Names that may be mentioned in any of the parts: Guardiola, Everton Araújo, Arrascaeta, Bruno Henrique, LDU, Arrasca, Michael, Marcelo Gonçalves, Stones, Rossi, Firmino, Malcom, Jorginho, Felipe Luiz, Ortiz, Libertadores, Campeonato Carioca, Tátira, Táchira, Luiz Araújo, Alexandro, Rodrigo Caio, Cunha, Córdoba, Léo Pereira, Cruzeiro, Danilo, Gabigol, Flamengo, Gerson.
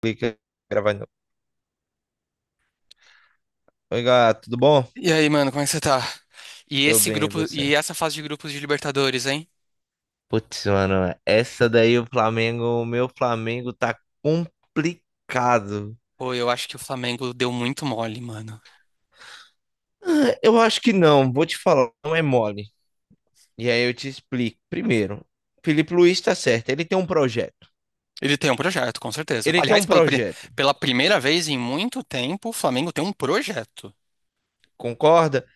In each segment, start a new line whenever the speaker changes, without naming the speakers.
Clica gravando. Oi, gato, tudo bom?
E aí, mano, como é que você tá? E
Tô
esse
bem, e
grupo,
você?
e essa fase de grupos de Libertadores, hein?
Putz, mano, essa daí o Flamengo, o meu Flamengo tá complicado.
Pô, eu acho que o Flamengo deu muito mole, mano.
Eu acho que não, vou te falar, não é mole. E aí eu te explico. Primeiro, Felipe Luiz tá certo, ele tem um projeto.
Ele tem um projeto, com certeza.
Ele tem
Aliás,
um projeto,
pela primeira vez em muito tempo, o Flamengo tem um projeto.
concorda?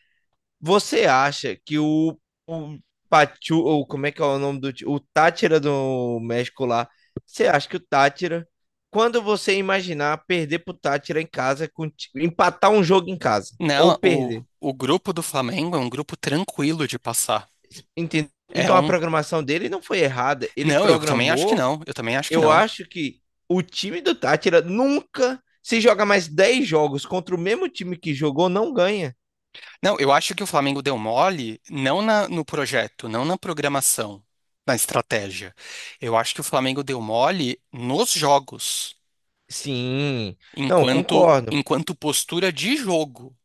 Você acha que o Pachu, ou como é que é o nome do, o Táchira do México lá, você acha que o Táchira, quando você imaginar perder pro Táchira em casa, com empatar um jogo em casa, ou
Não,
perder,
o grupo do Flamengo é um grupo tranquilo de passar.
entendeu?
É
Então a
um.
programação dele não foi errada, ele
Não, eu também acho que
programou,
não. Eu também acho que
eu
não.
acho que o time do Táchira nunca, se joga mais 10 jogos contra o mesmo time que jogou, não ganha.
Não, eu acho que o Flamengo deu mole, no projeto, não na programação, na estratégia. Eu acho que o Flamengo deu mole nos jogos.
Sim, não,
enquanto
concordo.
enquanto postura de jogo,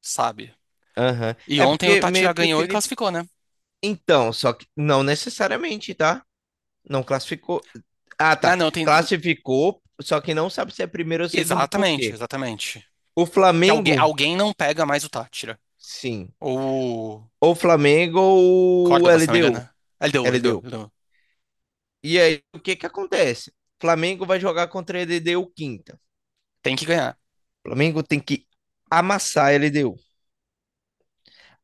sabe?
Aham.
E
É
ontem o
porque
Tátira
meio que o
ganhou e
Felipe.
classificou, né?
Então, só que não necessariamente, tá? Não classificou. Ah,
Ah,
tá.
não, tem.
Classificou, só que não sabe se é primeiro ou segundo por
Exatamente,
quê.
exatamente.
O
Que
Flamengo,
alguém não pega mais o Tátira.
sim.
Ou o
Ou Flamengo ou
Córdoba, se não me
LDU.
engano, né? Ah,
LDU.
ele deu.
E aí, o que que acontece? Flamengo vai jogar contra a LDU quinta.
Tem que ganhar.
Flamengo tem que amassar a LDU.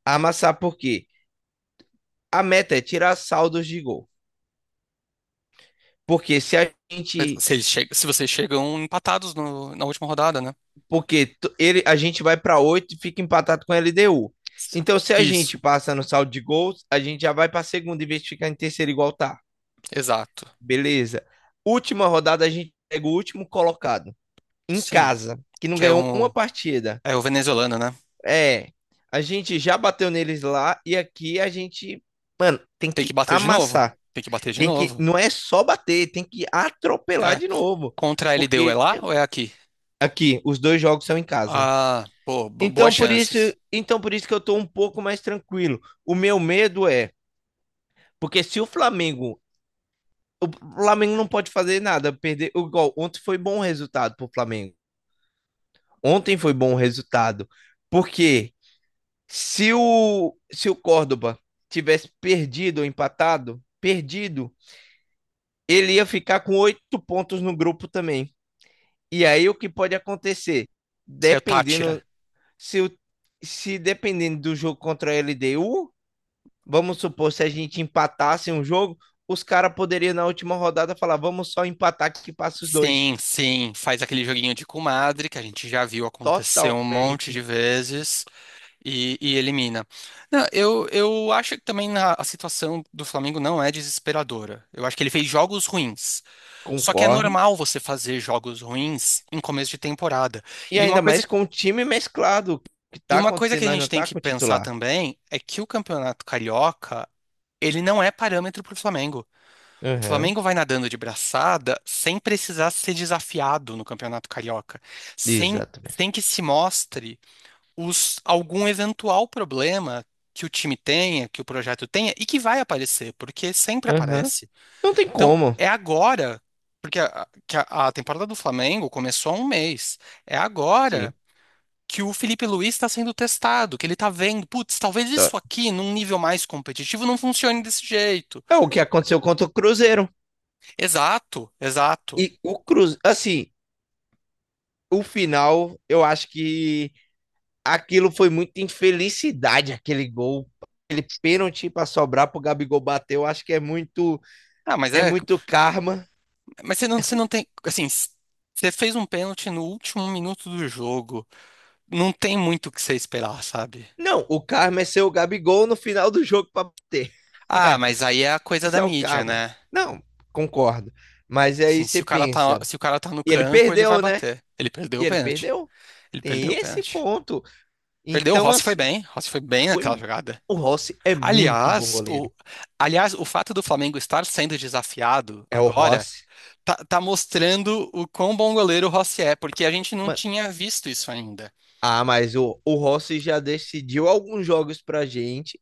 Amassar por quê? A meta é tirar saldos de gol. Porque se a gente.
Se, se vocês chegam empatados na última rodada, né?
Porque ele, a gente vai para 8 e fica empatado com a LDU.
S-
Então, se a gente
Isso,
passa no saldo de gols, a gente já vai para segunda em vez de ficar em terceiro igual tá.
exato.
Beleza. Última rodada, a gente pega o último colocado em
Sim.
casa, que não
Que é
ganhou uma partida.
é o venezuelano, né?
É, a gente já bateu neles lá e aqui a gente, mano, tem
Tem que
que
bater de novo.
amassar.
Tem que bater de
Tem que,
novo.
não é só bater, tem que atropelar
É.
de novo.
Contra a LDU é
Porque
lá ou é aqui?
aqui, os dois jogos são em casa.
Ah, pô, boas
Então por isso,
chances.
então por isso que eu tô um pouco mais tranquilo. O meu medo é, porque se o Flamengo, o Flamengo não pode fazer nada, perder, igual ontem foi bom resultado pro Flamengo. Ontem foi bom resultado. Porque se o Córdoba tivesse perdido ou empatado, perdido, ele ia ficar com oito pontos no grupo também. E aí o que pode acontecer?
Seu Tátira.
Dependendo se o, se dependendo do jogo contra a LDU, vamos supor, se a gente empatasse um jogo, os caras poderiam na última rodada falar: vamos só empatar que passa os dois.
Sim, sim, faz aquele joguinho de comadre que a gente já viu acontecer um monte
Totalmente
de vezes e elimina. Não, eu acho que também a situação do Flamengo não é desesperadora. Eu acho que ele fez jogos ruins. Só que é
concordo.
normal você fazer jogos ruins em começo de temporada.
E
E uma
ainda
coisa,
mais com o time mesclado. O que
e
tá
uma coisa que
acontecendo
a
nós
gente
não
tem
tá
que
com o
pensar
titular.
também é que o Campeonato Carioca, ele não é parâmetro para o Flamengo. O
Aham,
Flamengo vai nadando de braçada sem precisar ser desafiado no Campeonato Carioca,
exatamente.
sem que se mostre algum eventual problema que o time tenha, que o projeto tenha e que vai aparecer, porque sempre
Aham.
aparece.
Não tem
Então,
como.
porque a temporada do Flamengo começou há um mês, é
Sim.
agora que o Felipe Luiz está sendo testado, que ele está vendo, putz, talvez isso
Tá.
aqui, num nível mais competitivo, não funcione desse jeito.
É o que aconteceu contra o Cruzeiro.
Exato, exato.
E o Cruzeiro, assim, o final eu acho que aquilo foi muita infelicidade, aquele gol. Aquele pênalti para sobrar pro Gabigol bater, eu acho que
Ah, mas
é
é,
muito karma.
Mas você não tem. Assim, você fez um pênalti no último minuto do jogo. Não tem muito o que você esperar, sabe?
Não, o karma é ser o Gabigol no final do jogo para bater.
Ah, mas aí é a coisa
Esse
da
é o
mídia,
karma.
né?
Não, concordo. Mas aí
Assim,
você pensa,
se o cara tá no
e ele
campo, ele vai
perdeu, né?
bater. Ele perdeu
E
o
ele
pênalti.
perdeu.
Ele perdeu
Tem
o
esse
pênalti.
ponto.
Perdeu, o
Então,
Rossi foi
assim,
bem. Rossi foi bem naquela
foi...
jogada.
o Rossi é muito bom
Aliás, o,
goleiro.
aliás, o fato do Flamengo estar sendo desafiado
É o
agora
Rossi.
tá mostrando o quão bom goleiro o Rossi é, porque a gente não
Mano,
tinha visto isso ainda.
ah, mas o Rossi já decidiu alguns jogos pra gente.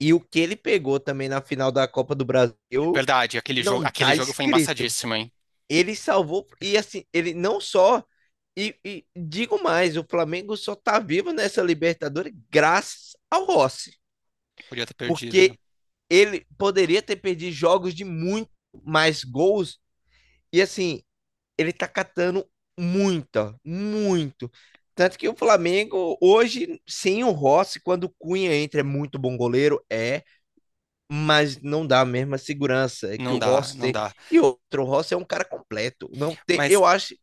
E o que ele pegou também na final da Copa do Brasil
Verdade,
não
aquele
tá
jogo foi
escrito.
embaçadíssimo, hein?
Ele salvou, e assim, ele não só. E digo mais, o Flamengo só tá vivo nessa Libertadores graças ao Rossi.
Podia ter perdido, né?
Porque ele poderia ter perdido jogos de muito mais gols. E assim, ele tá catando muita, muito. Tanto que o Flamengo, hoje, sem o Rossi, quando o Cunha entra, é muito bom goleiro, é. Mas não dá a mesma segurança que o
Não dá,
Rossi
não
tem.
dá.
E outro, o Rossi é um cara completo. Não tem,
Mas,
eu acho, que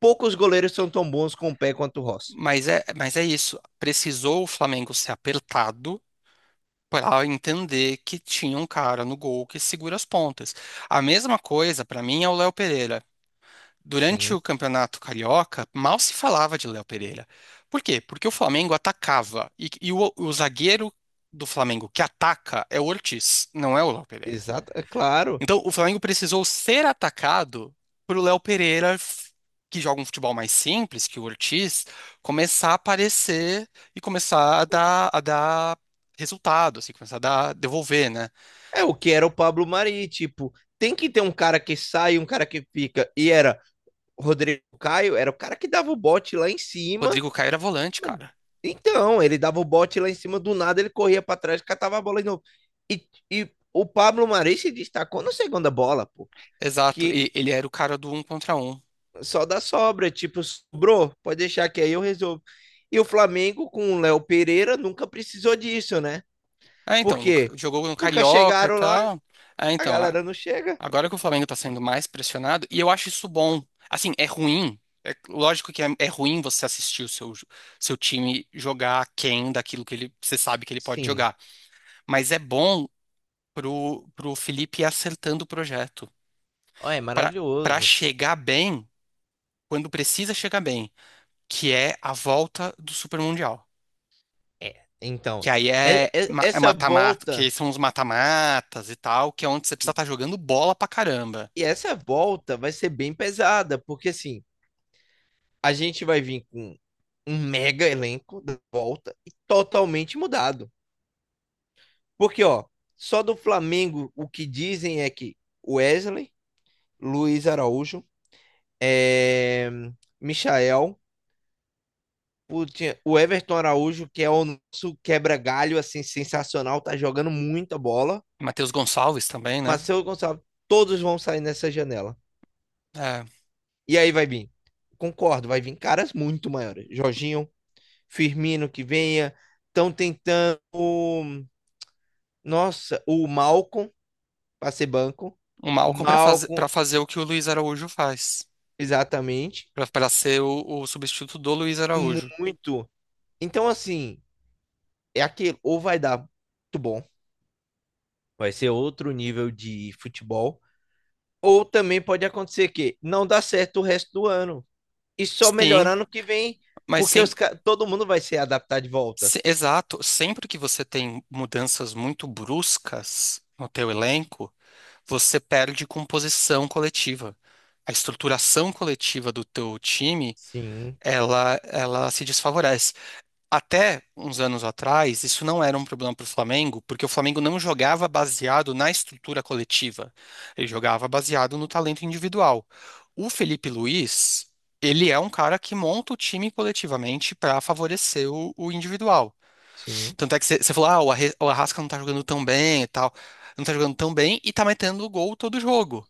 poucos goleiros são tão bons com o pé quanto o Rossi.
mas é isso. Precisou o Flamengo ser apertado para entender que tinha um cara no gol que segura as pontas. A mesma coisa, para mim, é o Léo Pereira. Durante
Sim.
o Campeonato Carioca, mal se falava de Léo Pereira. Por quê? Porque o Flamengo atacava. O zagueiro do Flamengo que ataca é o Ortiz, não é o Léo Pereira.
Exato, é claro.
Então, o Flamengo precisou ser atacado pro Léo Pereira, que joga um futebol mais simples, que o Ortiz, começar a aparecer e começar a dar resultado, assim, começar a dar, devolver, né?
É o que era o Pablo Mari, tipo, tem que ter um cara que sai, um cara que fica. E era o Rodrigo Caio, era o cara que dava o bote lá em cima.
Rodrigo Caio era volante,
Mano,
cara.
então, ele dava o bote lá em cima, do nada ele corria para trás, catava a bola de novo. E o Pablo Mari se destacou na segunda bola, pô.
Exato.
Que
E ele era o cara do um contra um.
só da sobra, tipo, sobrou, pode deixar que aí eu resolvo. E o Flamengo com o Léo Pereira nunca precisou disso, né?
Ah, então,
Porque
jogou no
nunca
Carioca e
chegaram lá,
tal. Ah,
a
então.
galera não chega.
Agora que o Flamengo tá sendo mais pressionado, e eu acho isso bom. Assim, é ruim. É, lógico que é ruim você assistir o seu, seu time jogar aquém daquilo que ele, você sabe que ele pode
Sim,
jogar. Mas é bom pro Felipe ir acertando o projeto.
ó, é
Pra, pra
maravilhoso.
chegar bem, quando precisa chegar bem, que é a volta do Super Mundial.
É, então,
Que aí é é
essa
mata-mata, que
volta
são os mata-matas e tal, que é onde você precisa
e,
estar jogando bola pra caramba.
e essa volta vai ser bem pesada, porque assim, a gente vai vir com um mega elenco da volta e totalmente mudado. Porque, ó, só do Flamengo o que dizem é que o Wesley, Luiz Araújo, é, Michael, putinha, o Everton Araújo, que é o nosso quebra-galho, assim, sensacional, tá jogando muita bola.
Matheus Gonçalves também, né?
Marcelo Gonçalves, todos vão sair nessa janela.
É.
E aí vai vir, concordo, vai vir caras muito maiores. Jorginho, Firmino que venha, estão tentando, nossa, o Malcom para ser banco.
O Malcom para
Malcom,
fazer o que o Luiz Araújo faz,
exatamente,
para ser o substituto do Luiz Araújo.
muito. Então, assim, é aquilo, ou vai dar muito bom, vai ser outro nível de futebol. Ou também pode acontecer que não dá certo o resto do ano. E só
Sim,
melhorando que vem,
mas
porque
sem,
todo mundo vai se adaptar de volta.
se- exato, sempre que você tem mudanças muito bruscas no teu elenco, você perde composição coletiva. A estruturação coletiva do teu time,
Sim,
ela se desfavorece. Até uns anos atrás, isso não era um problema para o Flamengo, porque o Flamengo não jogava baseado na estrutura coletiva. Ele jogava baseado no talento individual. O Felipe Luiz, ele é um cara que monta o time coletivamente para favorecer o individual.
sim.
Tanto é que você falou, ah, o Arrasca não tá jogando tão bem e tal. Não tá jogando tão bem e tá metendo gol todo jogo.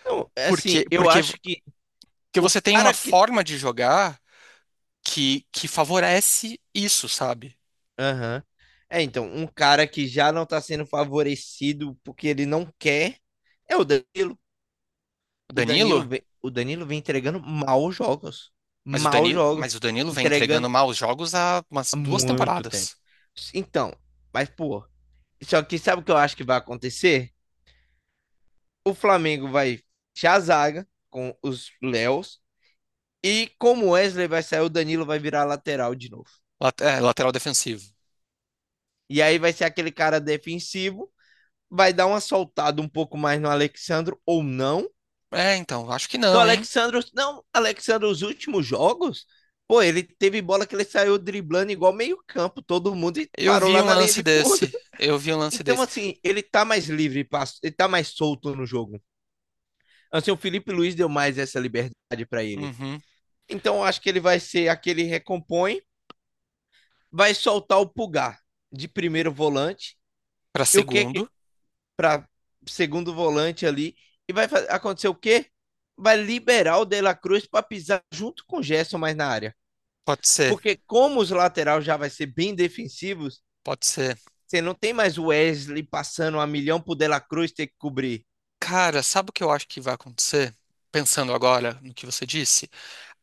Então, é assim, eu acho que
Porque
o
você tem uma
cara que.
forma de jogar que favorece isso, sabe?
Aham. É, então, um cara que já não tá sendo favorecido porque ele não quer é o Danilo.
O Danilo.
O Danilo vem entregando maus jogos. Maus jogos.
Mas o Danilo vem entregando
Entregando
maus jogos há umas
há
duas
muito tempo.
temporadas.
Então, mas, pô, só que sabe o que eu acho que vai acontecer? O Flamengo vai fechar a zaga com os Léos. E como o Wesley vai sair, o Danilo vai virar lateral de novo.
É, lateral defensivo.
E aí vai ser aquele cara defensivo. Vai dar uma soltada um pouco mais no Alexandro ou não.
É, então, acho que
Que o
não, hein?
Alexandro. Não, Alexandro, os últimos jogos. Pô, ele teve bola que ele saiu driblando igual meio-campo, todo mundo e
Eu
parou
vi
lá
um
na linha
lance
de fundo.
desse. Eu vi um lance
Então,
desse.
assim, ele tá mais livre, ele tá mais solto no jogo. Assim, o Felipe Luiz deu mais essa liberdade para ele.
Uhum.
Então, eu acho que ele vai ser aquele recompõe, vai soltar o Pulgar de primeiro volante
Para
e o que que
segundo.
para segundo volante ali e vai acontecer o quê? Vai liberar o De La Cruz para pisar junto com o Gerson mais na área.
Pode ser,
Porque como os laterais já vai ser bem defensivos,
pode ser.
você não tem mais o Wesley passando a milhão pro De La Cruz ter que cobrir.
Cara, sabe o que eu acho que vai acontecer? Pensando agora no que você disse,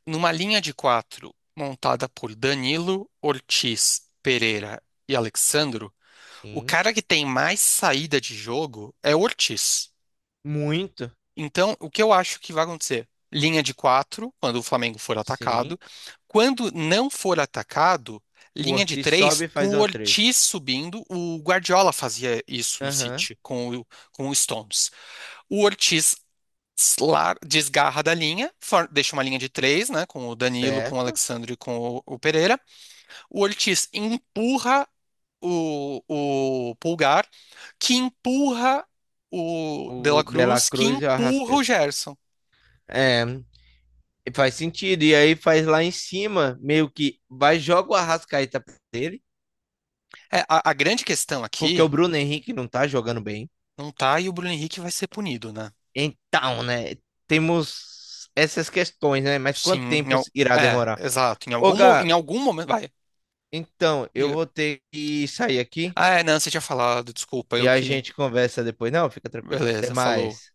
numa linha de quatro montada por Danilo, Ortiz, Pereira e Alexandro, o
Sim,
cara que tem mais saída de jogo é o Ortiz.
muito.
Então, o que eu acho que vai acontecer? Linha de quatro, quando o Flamengo for atacado.
Sim.
Quando não for atacado,
O
linha de
Ortiz
três,
sobe e
com
faz
o
uma 3.
Ortiz subindo. O Guardiola fazia isso no
Aham. Uhum.
City, com o Stones. O Ortiz desgarra da linha, deixa uma linha de três, né? Com o Danilo, com o
Certo?
Alexandre e com o Pereira. O Ortiz empurra o, o Pulgar, que empurra o De
O
La
De La
Cruz, que
Cruz e o
empurra o
Arrascaeta.
Gerson.
É, e faz sentido. E aí faz lá em cima, meio que vai joga o Arrascaeta pra dele,
É, a grande questão
porque o
aqui
Bruno Henrique não tá jogando bem.
não tá e o Bruno Henrique vai ser punido, né?
Então, né? Temos essas questões, né? Mas
Sim,
quanto tempo irá demorar?
exato.
Ô, Gá,
Em algum momento. Vai,
então, eu
diga.
vou ter que sair aqui
Ah, é, não, você tinha falado, desculpa,
e
eu
a
que.
gente conversa depois. Não, fica tranquilo. Até
Beleza, falou.
mais.